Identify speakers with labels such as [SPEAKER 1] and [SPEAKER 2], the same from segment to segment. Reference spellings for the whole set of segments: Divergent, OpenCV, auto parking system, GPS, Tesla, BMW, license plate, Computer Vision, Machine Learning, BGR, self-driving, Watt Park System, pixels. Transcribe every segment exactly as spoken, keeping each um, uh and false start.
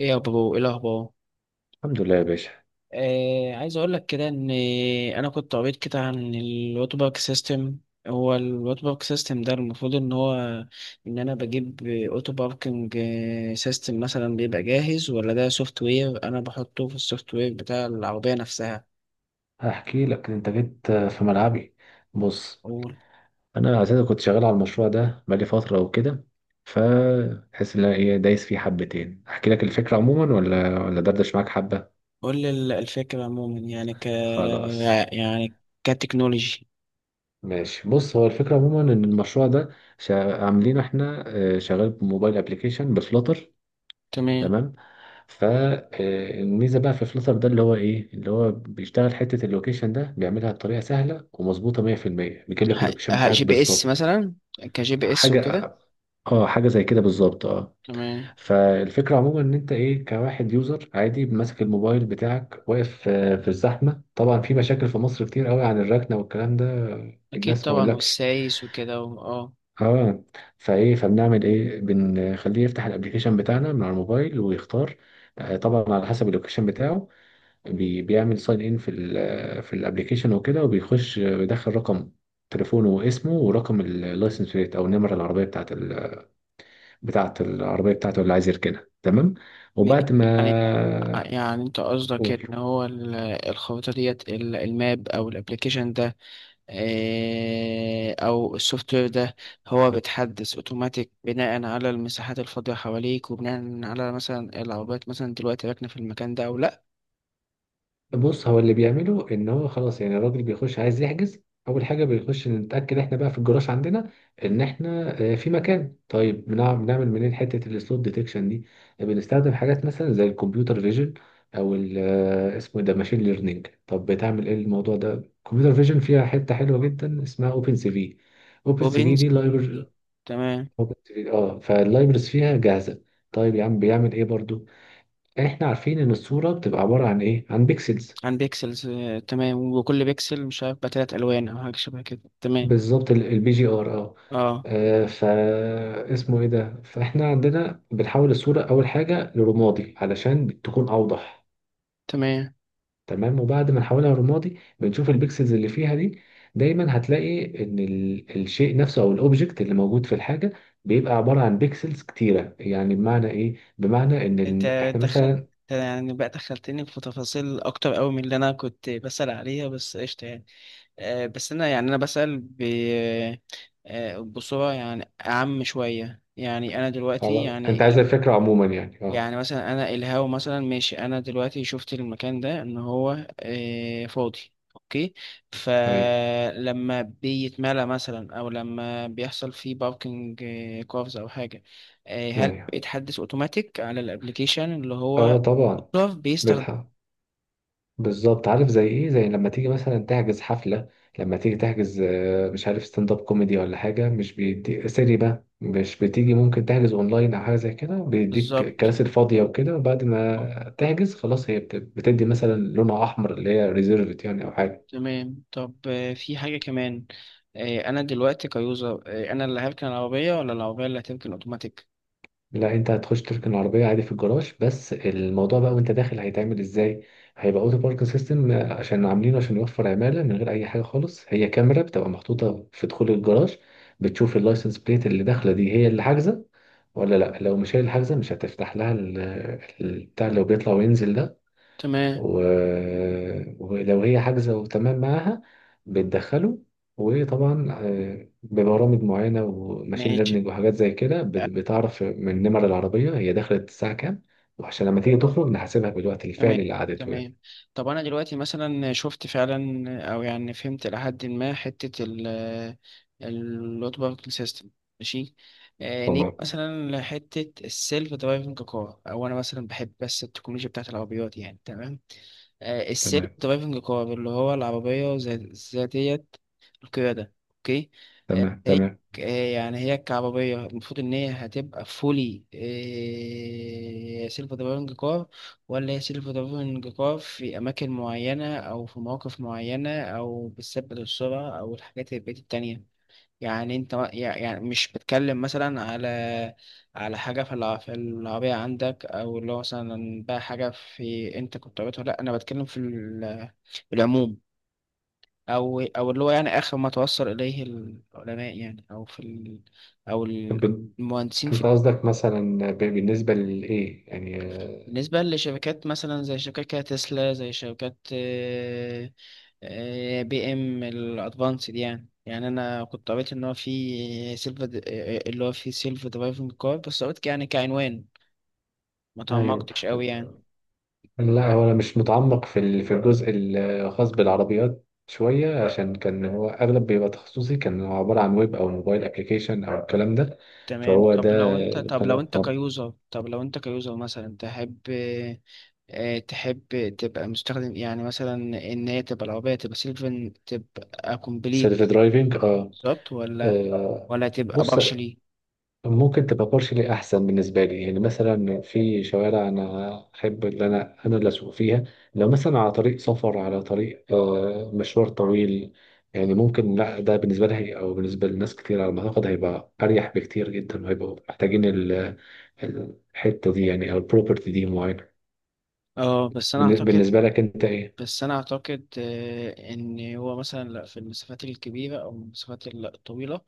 [SPEAKER 1] ايه يا بابا، ايه الاخبار؟
[SPEAKER 2] الحمد لله يا باشا.
[SPEAKER 1] آه عايز اقول لك كده ان انا كنت قريت كده عن الوات بارك سيستم. هو الوات بارك سيستم ده المفروض ان هو، ان انا بجيب اوتو باركنج سيستم مثلا بيبقى جاهز ولا ده سوفت وير انا بحطه في السوفت وير بتاع العربية نفسها.
[SPEAKER 2] هحكي لك، انت جيت في ملعبي. بص،
[SPEAKER 1] قول،
[SPEAKER 2] انا اساسا كنت شغال على المشروع ده بقالي فتره وكده. فتحس ان انا ايه؟ دايس فيه حبتين. احكي لك الفكره عموما ولا ولا دردش معاك حبه؟
[SPEAKER 1] قول لي ال- الفكرة عموما، يعني ك
[SPEAKER 2] خلاص،
[SPEAKER 1] يعني كتكنولوجي.
[SPEAKER 2] ماشي. بص، هو الفكره عموما ان المشروع ده شا... عاملينه احنا. آه، شغال بموبايل ابلكيشن بفلوتر.
[SPEAKER 1] تمام.
[SPEAKER 2] تمام. فالميزه بقى في فلتر ده، اللي هو ايه؟ اللي هو بيشتغل حته اللوكيشن ده، بيعملها بطريقه سهله ومظبوطه مية في المية. بيجيب لك
[SPEAKER 1] ه...
[SPEAKER 2] اللوكيشن
[SPEAKER 1] ه-
[SPEAKER 2] بتاعك
[SPEAKER 1] جي بي اس
[SPEAKER 2] بالظبط.
[SPEAKER 1] مثلا، كجي بي اس وكده.
[SPEAKER 2] حاجة، اه، حاجة زي كده بالظبط، اه.
[SPEAKER 1] تمام،
[SPEAKER 2] فالفكرة عموما ان انت ايه، كواحد يوزر عادي ماسك الموبايل بتاعك واقف، آه، في الزحمة. طبعا في مشاكل في مصر كتير قوي عن الركنة والكلام ده.
[SPEAKER 1] أكيد
[SPEAKER 2] الناس ما
[SPEAKER 1] طبعا،
[SPEAKER 2] اقولكش،
[SPEAKER 1] والسايس وكده و- اه
[SPEAKER 2] اه. فايه، فبنعمل ايه؟ بنخليه يفتح الابليكيشن بتاعنا من على الموبايل ويختار. آه، طبعا على حسب اللوكيشن بتاعه. بي- بيعمل ساين ان في ال في الابليكيشن وكده، وبيخش، آه، بيدخل رقم تليفونه واسمه، ورقم اللايسنس بليت او النمرة العربية بتاعت بتاعة العربية بتاعته اللي عايز يركنها. تمام.
[SPEAKER 1] م-
[SPEAKER 2] وبعد
[SPEAKER 1] يعني آه،
[SPEAKER 2] ما
[SPEAKER 1] يعني أنت قصدك إن
[SPEAKER 2] قول.
[SPEAKER 1] هو ال- الخريطة ديت، ال- الماب أو الأبليكيشن ده، آه، أو السوفت وير ده، هو بيتحدث أوتوماتيك بناء على المساحات الفاضية حواليك، وبناء على مثلا العربيات مثلا دلوقتي راكنة في المكان ده أو لأ.
[SPEAKER 2] بص، هو اللي بيعمله ان هو خلاص، يعني الراجل بيخش عايز يحجز. اول حاجة بيخش نتأكد احنا بقى في الجراج عندنا ان احنا آه، في مكان. طيب، بنع- بنعمل منين حتة السلوت ديتكشن دي؟ بنستخدم حاجات مثلا زي الكمبيوتر فيجن او ال آه، اسمه إيه ده، ماشين ليرنينج. طب بتعمل ايه الموضوع ده؟ الكمبيوتر فيجن فيها حتة حلوة جدا اسمها اوبن سي في. اوبن سي في
[SPEAKER 1] وبينزل.
[SPEAKER 2] دي،
[SPEAKER 1] تمام.
[SPEAKER 2] اوبن تلاتة، اه، فاللايبرز فيها جاهزه. طيب يا عم بيعمل ايه برضو؟ احنا عارفين ان الصوره بتبقى عباره عن ايه؟ عن بيكسلز.
[SPEAKER 1] عن بيكسلز، آه، تمام، وكل بيكسل مش عارف بقى تلات ألوان أو حاجة شبه كده. تمام،
[SPEAKER 2] بالظبط، البي جي ار، اه.
[SPEAKER 1] اه
[SPEAKER 2] آه، فا اسمه ايه ده، فاحنا عندنا بنحول الصوره اول حاجه لرمادي علشان تكون اوضح.
[SPEAKER 1] تمام.
[SPEAKER 2] تمام. وبعد ما نحولها رمادي بنشوف البيكسلز اللي فيها دي. دايما هتلاقي ان ال- الشيء نفسه او الاوبجكت اللي موجود في الحاجه بيبقى عباره عن بيكسلز كتيره. يعني بمعنى ايه؟ بمعنى ان
[SPEAKER 1] انت
[SPEAKER 2] ال... احنا
[SPEAKER 1] دخلت
[SPEAKER 2] مثلا.
[SPEAKER 1] يعني بقى دخلتني في تفاصيل اكتر قوي من اللي انا كنت بسأل عليها، بس قشطة يعني. آه، بس انا يعني انا بسأل ب آه، بصورة يعني اعم شوية. يعني انا دلوقتي
[SPEAKER 2] خلاص، انت
[SPEAKER 1] يعني
[SPEAKER 2] عايز الفكرة عموما يعني، اه.
[SPEAKER 1] يعني مثلا انا الهاو مثلا، ماشي، انا دلوقتي شفت المكان ده ان هو آه، فاضي، اوكي.
[SPEAKER 2] ايوه،
[SPEAKER 1] فلما بيتملى مثلا او لما بيحصل فيه باركنج كوفز او حاجه، آه، هل
[SPEAKER 2] ايوه،
[SPEAKER 1] بيتحدث اوتوماتيك على الابليكيشن اللي
[SPEAKER 2] اه،
[SPEAKER 1] هو
[SPEAKER 2] طبعا.
[SPEAKER 1] كوف بيستخدم؟
[SPEAKER 2] بتحق. بالظبط. عارف زي ايه؟ زي لما تيجي مثلا تحجز حفلة. لما تيجي تحجز آه، مش عارف ستاند اب كوميدي ولا حاجة، مش بيدي سيري بقى، مش بتيجي ممكن تحجز اونلاين او حاجة زي كده؟ بيديك
[SPEAKER 1] بالظبط.
[SPEAKER 2] الكراسي الفاضية وكده، وبعد
[SPEAKER 1] آه،
[SPEAKER 2] ما تحجز خلاص هي بت- بتدي مثلا لونها احمر اللي هي ريزيرفد يعني، او حاجة.
[SPEAKER 1] تمام. طب آه، في حاجه كمان، آه، انا دلوقتي كيوزر، آه، انا اللي هركن العربيه ولا العربيه اللي هتركن اوتوماتيك؟
[SPEAKER 2] لا، انت هتخش تركن العربية عادي في الجراج، بس الموضوع بقى وانت داخل هيتعمل ازاي. هيبقى اوتو باركن سيستم، عشان عاملينه عشان يوفر عمالة من غير اي حاجة خالص. هي كاميرا بتبقى محطوطة في دخول الجراج، بتشوف اللايسنس بليت اللي داخلة دي هي اللي حاجزة ولا لا. لو مش هي اللي حاجزة مش هتفتح لها ال- البتاع اللي هو بيطلع وينزل ده.
[SPEAKER 1] تمام.
[SPEAKER 2] و... ولو هي حاجزة وتمام معاها بتدخله. وطبعا آه، ببرامج معينة وماشين
[SPEAKER 1] ماشي.
[SPEAKER 2] ليرنينج وحاجات زي كده بت- بتعرف من نمر العربية هي دخلت الساعة كام. وعشان لما تيجي تخرج نحاسبها بالوقت
[SPEAKER 1] تمام،
[SPEAKER 2] الفعلي اللي قعدته، يعني.
[SPEAKER 1] تمام. طب انا دلوقتي مثلا شفت فعلا او يعني فهمت لحد ما حته ال اللوت باركل سيستم. ماشي. آه، نيجي
[SPEAKER 2] تمام،
[SPEAKER 1] مثلا لحته السيلف درايفنج كار، او انا مثلا بحب بس التكنولوجيا بتاعت العربيات يعني. تمام. آه، السيلف
[SPEAKER 2] تمام.
[SPEAKER 1] درايفنج كار اللي هو العربية ذا- ذاتية القيادة، اوكي. آه،
[SPEAKER 2] تمام،
[SPEAKER 1] هي
[SPEAKER 2] تمام.
[SPEAKER 1] آه، يعني هي كعربية المفروض ان هي هتبقى فولي سيلف درايفنج كار، ولا هي سيلف درايفنج كار في اماكن معينة او في مواقف معينة، او بتثبت السرعة او الحاجات البقية التانية؟ يعني انت ما- يع- يعني مش بتكلم مثلا على على حاجة في الع- في العربية عندك، او اللي هو مثلا بقى حاجة في انت كنت عملتها. لا، انا بتكلم في ال- العموم، او او اللي هو يعني اخر ما توصل اليه العلماء يعني، او في ال، او
[SPEAKER 2] طب انت
[SPEAKER 1] المهندسين في،
[SPEAKER 2] قصدك مثلا ب- بالنسبة لإيه يعني؟ آه،
[SPEAKER 1] بالنسبة لشركات مثلا زي شركات كده تسلا، زي شركات آه، آه، بي ام الادفانسد يعني. يعني انا كنت قريت ان هو في سيلف، اللي هو في سيلف درايفنج كار، بس قلت يعني كعنوان ما
[SPEAKER 2] ايوه.
[SPEAKER 1] تعمقتش قوي يعني.
[SPEAKER 2] لا، هو انا مش متعمق في ال- في الجزء الخاص بالعربيات شويه، عشان كان هو اغلب بيبقى تخصصي، كان هو عباره عن ويب او موبايل ابلكيشن او الكلام ده.
[SPEAKER 1] تمام.
[SPEAKER 2] فهو ده
[SPEAKER 1] طب لو انت،
[SPEAKER 2] اللي
[SPEAKER 1] طب
[SPEAKER 2] خلاني-
[SPEAKER 1] لو انت
[SPEAKER 2] طب.
[SPEAKER 1] كيوزر، طب لو انت كيوزر مثلا تحب، آه، تحب تبقى مستخدم، يعني مثلا ان هي تبقى العربية تبقى سيلف، تبقى كومبليت،
[SPEAKER 2] سيلف درايفنج، اه.
[SPEAKER 1] بالظبط ولا
[SPEAKER 2] آه،
[SPEAKER 1] ولا تبقى
[SPEAKER 2] بص،
[SPEAKER 1] بارشلي؟
[SPEAKER 2] ممكن تبقى لي احسن بالنسبه لي. يعني مثلا في شوارع انا احب ان انا انا اللي اسوق فيها. لو مثلا على طريق سفر، على طريق آه، مشوار طويل، يعني ممكن. لا، ده بالنسبه لي، او بالنسبه لناس كتير على ما اعتقد، هيبقى اريح بكتير جدا، وهيبقوا محتاجين ال- الحته دي يعني، او البروبرتي دي معينه.
[SPEAKER 1] اه، بس انا
[SPEAKER 2] بالن-
[SPEAKER 1] اعتقد،
[SPEAKER 2] بالنسبه لك انت ايه؟
[SPEAKER 1] بس أنا أعتقد آه، إن هو مثلا لأ، في المسافات الكبيرة أو المسافات الطويلة،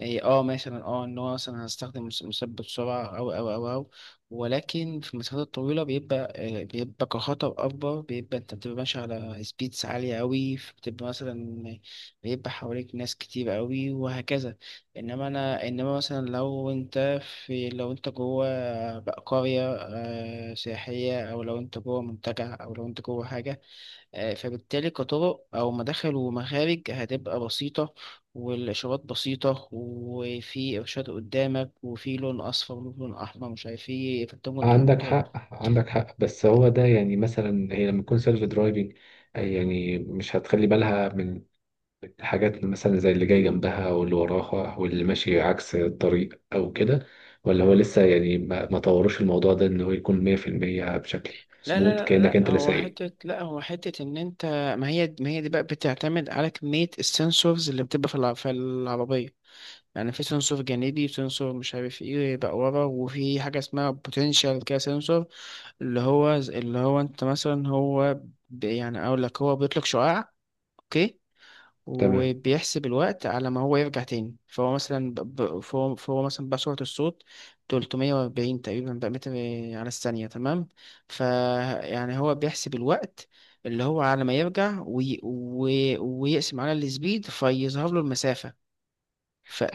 [SPEAKER 1] إيه، اه مثلا اه ان هو مثلا هستخدم مس- مثبت سرعة، او او او او ولكن في المسافات الطويلة بيبقى آه، بيبقى كخطر أكبر، بيبقى أنت بتبقى ماشي على سبيدز عالية أوي، بتبقى مثلا بيبقى حواليك ناس كتير أوي وهكذا. إنما أنا إنما مثلا لو أنت، في لو أنت جوه بقى قرية آه، سياحية، أو لو أنت جوه منتجع، أو لو أنت جوه حاجة، آه، فبالتالي كطرق أو مداخل ومخارج هتبقى بسيطة، والإشارات بسيطة، وفي إرشاد قدامك، وفي لون أصفر ولون أحمر مش عارف إيه، فأنت ممكن
[SPEAKER 2] عندك
[SPEAKER 1] تحط.
[SPEAKER 2] حق، عندك حق. بس هو ده يعني، مثلا هي لما تكون سيلف درايفنج، يعني مش هتخلي بالها من حاجات مثلا زي اللي جاي جنبها واللي وراها واللي ماشي عكس الطريق أو كده؟ ولا هو لسه يعني ما ما طورش الموضوع ده إن هو يكون مية في المية بشكل
[SPEAKER 1] لا
[SPEAKER 2] مظبوط
[SPEAKER 1] لا لا
[SPEAKER 2] كأنك أنت
[SPEAKER 1] لا،
[SPEAKER 2] اللي
[SPEAKER 1] هو
[SPEAKER 2] سايق؟
[SPEAKER 1] حتة، لا هو حتة إن أنت، ما هي ما هي دي بقى بتعتمد على كمية السنسورز اللي بتبقى في الع- في العربية. يعني في سنسور جانبي، وسنسور مش عارف ايه بقى ورا، وفي حاجة اسمها بوتنشال كده سنسور، اللي هو اللي هو انت مثلا، هو ب- يعني اقول لك، هو بيطلق شعاع، اوكي،
[SPEAKER 2] تمام.
[SPEAKER 1] وبيحسب الوقت على ما هو يرجع تاني. فهو مثلا ب... ب- فهو... فهو مثلا بقى سرعة الصوت تلتمية وأربعين تقريبا بقى متر على الثانية، تمام؟ فيعني هو بيحسب الوقت اللي هو على ما يرجع وي... وي... ويقسم على السبيد فيظهر له المسافة،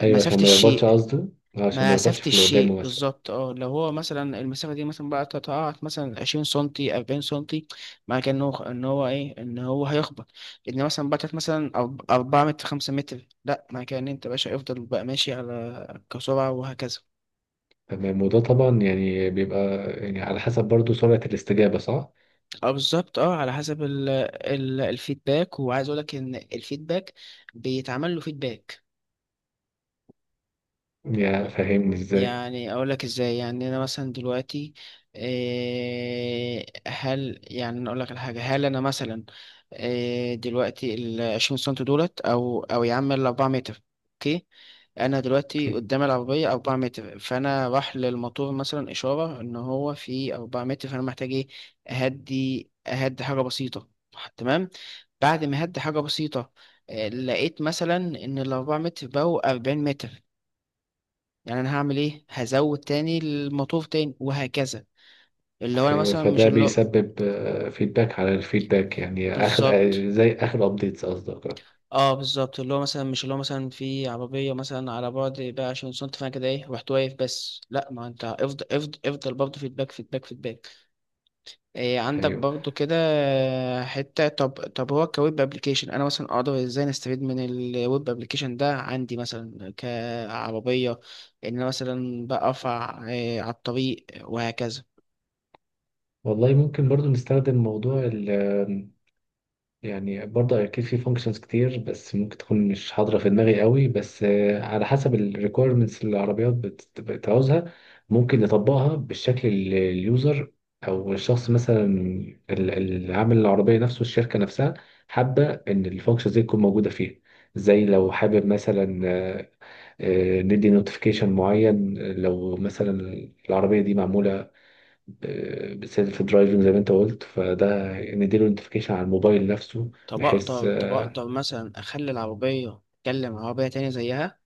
[SPEAKER 2] أيوه، عشان ما يخبطش
[SPEAKER 1] الشيء،
[SPEAKER 2] قصده. آه، عشان ما
[SPEAKER 1] مسافة
[SPEAKER 2] يخبطش في اللي
[SPEAKER 1] الشيء
[SPEAKER 2] قدامه مثلا.
[SPEAKER 1] بالظبط. اه، لو هو مثلا المسافة دي مثلا بقى تتقاعد مثلا عشرين سنتي، أربعين سنتي، مع كأنه إن هو إن هو إيه إن هو هيخبط. إن مثلا بقى مثلا أرب- أربعة متر، خمسة متر، لأ، مع كأن أنت باشا يفضل بقى ماشي على كسرعة وهكذا.
[SPEAKER 2] تمام. وده طبعا يعني بيبقى يعني على حسب برضو سرعة الاستجابة، صح؟
[SPEAKER 1] اه بالظبط، اه على حسب ال ال الفيدباك، وعايز أقولك إن الفيدباك بيتعمل له فيدباك.
[SPEAKER 2] يا فاهمني إزاي؟
[SPEAKER 1] يعني اقول لك ازاي. يعني انا مثلا دلوقتي، إيه، هل يعني أنا اقول لك على حاجه هل انا مثلا، إيه، دلوقتي ال عشرين سم دولت، او او يا عم ال أربع متر، اوكي، انا دلوقتي قدام العربيه أربعة متر، فانا راح للموتور مثلا اشاره ان هو في أربع متر، فانا محتاج ايه، اهدي، اهدي حاجه بسيطه، تمام. بعد ما هدي حاجه بسيطه، آه، لقيت مثلا ان الأربعة متر بقوا أربعين متر، يعني انا هعمل ايه، هزود تاني المطلوب تاني وهكذا. اللي هو انا
[SPEAKER 2] ايوه.
[SPEAKER 1] مثلا مش
[SPEAKER 2] فده
[SPEAKER 1] اللي هو،
[SPEAKER 2] بيسبب فيدباك على الفيدباك، يعني اخر،
[SPEAKER 1] بالظبط.
[SPEAKER 2] آه، زي اخر ابديتس قصدك، آه.
[SPEAKER 1] اه بالظبط، اللي هو مثلا مش اللي هو مثلا في عربية مثلا على بعد بقى عشان سنت، فانا كده ايه رحت واقف، بس لا، ما انت افضل افضل افضل برضه، فيدباك فيدباك فيدباك، إيه عندك
[SPEAKER 2] ايوه.
[SPEAKER 1] برضه كده. حتة، طب طب هو كويب ابلكيشن، انا مثلا اقدر ازاي نستفيد من الويب ابلكيشن ده عندي مثلا كعربية، ان انا مثلا بقى ارفع إيه على الطريق وهكذا.
[SPEAKER 2] والله، ممكن برضو نستخدم موضوع ال. يعني برضو أكيد في functions كتير، بس ممكن تكون مش حاضرة في دماغي قوي بس. آه، على حسب ال requirements اللي العربيات بت- بتعوزها، ممكن نطبقها بالشكل اللي اليوزر أو الشخص مثلا ال- اللي عامل العربية نفسه، الشركة نفسها، حابة إن الفانكشنز دي تكون موجودة فيها. زي لو حابب مثلا، آه، آه، ندي نوتيفيكيشن معين. لو مثلا العربية دي معمولة بالسيلف درايفنج زي ما انت قلت، فده نديله نوتيفيكيشن على الموبايل نفسه،
[SPEAKER 1] طب
[SPEAKER 2] بحيث
[SPEAKER 1] أقدر، طب
[SPEAKER 2] آه،
[SPEAKER 1] أقدر مثلا أخلي العربية أتكلم عربية تانية زيها؟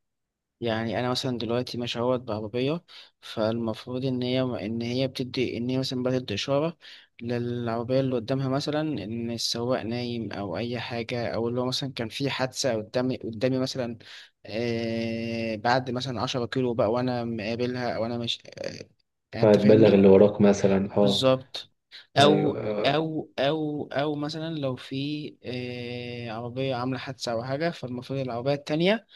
[SPEAKER 1] يعني أنا مثلا دلوقتي ماشي أهوت بعربية، فالمفروض إن هي إن هي بتدي، إن هي مثلا بتدي إشارة للعربية اللي قدامها، مثلا إن السواق نايم أو أي حاجة، أو اللي هو مثلا كان في حادثة قدامي قدامي مثلا، آه بعد مثلا عشرة كيلو بقى وأنا مقابلها، أو أنا مش آه، يعني أنت
[SPEAKER 2] فهتبلغ
[SPEAKER 1] فاهمني؟
[SPEAKER 2] اللي وراك مثلا، اه.
[SPEAKER 1] بالظبط، او
[SPEAKER 2] ايوه،
[SPEAKER 1] او او او مثلا لو في آه، عربيه عامله حادثه او حاجه، فالمفروض العربيه التانية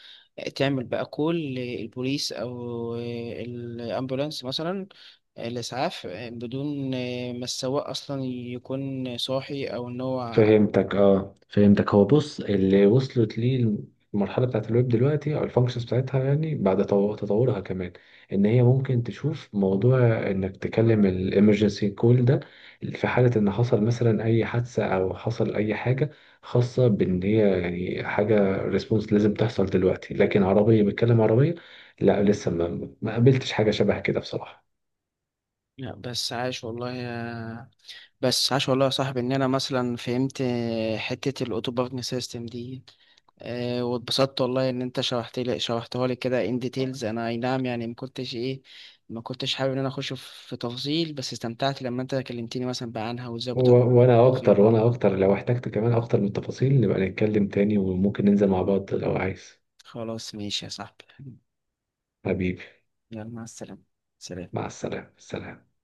[SPEAKER 1] تعمل بقى كول للبوليس، او آه، الامبولانس مثلا، آه، الاسعاف، آه، بدون آه، ما السواق اصلا يكون صاحي او ان هو.
[SPEAKER 2] فهمتك، اه، فهمتك. هو بص، اللي وصلت ليه المرحله بتاعت الويب دلوقتي او الفانكشنز بتاعتها، يعني بعد تو- تطورها كمان، ان هي ممكن تشوف موضوع انك تكلم الامرجنسي كول ده في حاله ان حصل مثلا اي حادثه، او حصل اي حاجه خاصه بان هي، يعني حاجه ريسبونس لازم تحصل دلوقتي. لكن عربيه بتكلم عربيه، لا، لسه ما ما قابلتش حاجه شبه كده بصراحه.
[SPEAKER 1] لا، بس عاش والله يا، بس عاش والله يا صاحبي، ان انا مثلا فهمت آه، حته الاوتو باركن سيستم دي، آه، واتبسطت والله ان انت شرحت لي، شرحتها لي كده ان ديتيلز. انا اي نعم يعني ما كنتش ايه، ما كنتش حابب ان انا اخش في في تفاصيل، بس استمتعت لما انت كلمتني مثلا بقى عنها وازاي
[SPEAKER 2] و-
[SPEAKER 1] بتعرف.
[SPEAKER 2] وانا اكتر، وانا اكتر. لو احتجت كمان اكتر من التفاصيل نبقى نتكلم تاني، وممكن ننزل مع بعض لو عايز.
[SPEAKER 1] خلاص ماشي يا صاحبي.
[SPEAKER 2] حبيبي.
[SPEAKER 1] يلا، مع السلامة. سلام.
[SPEAKER 2] مع السلامة، سلام.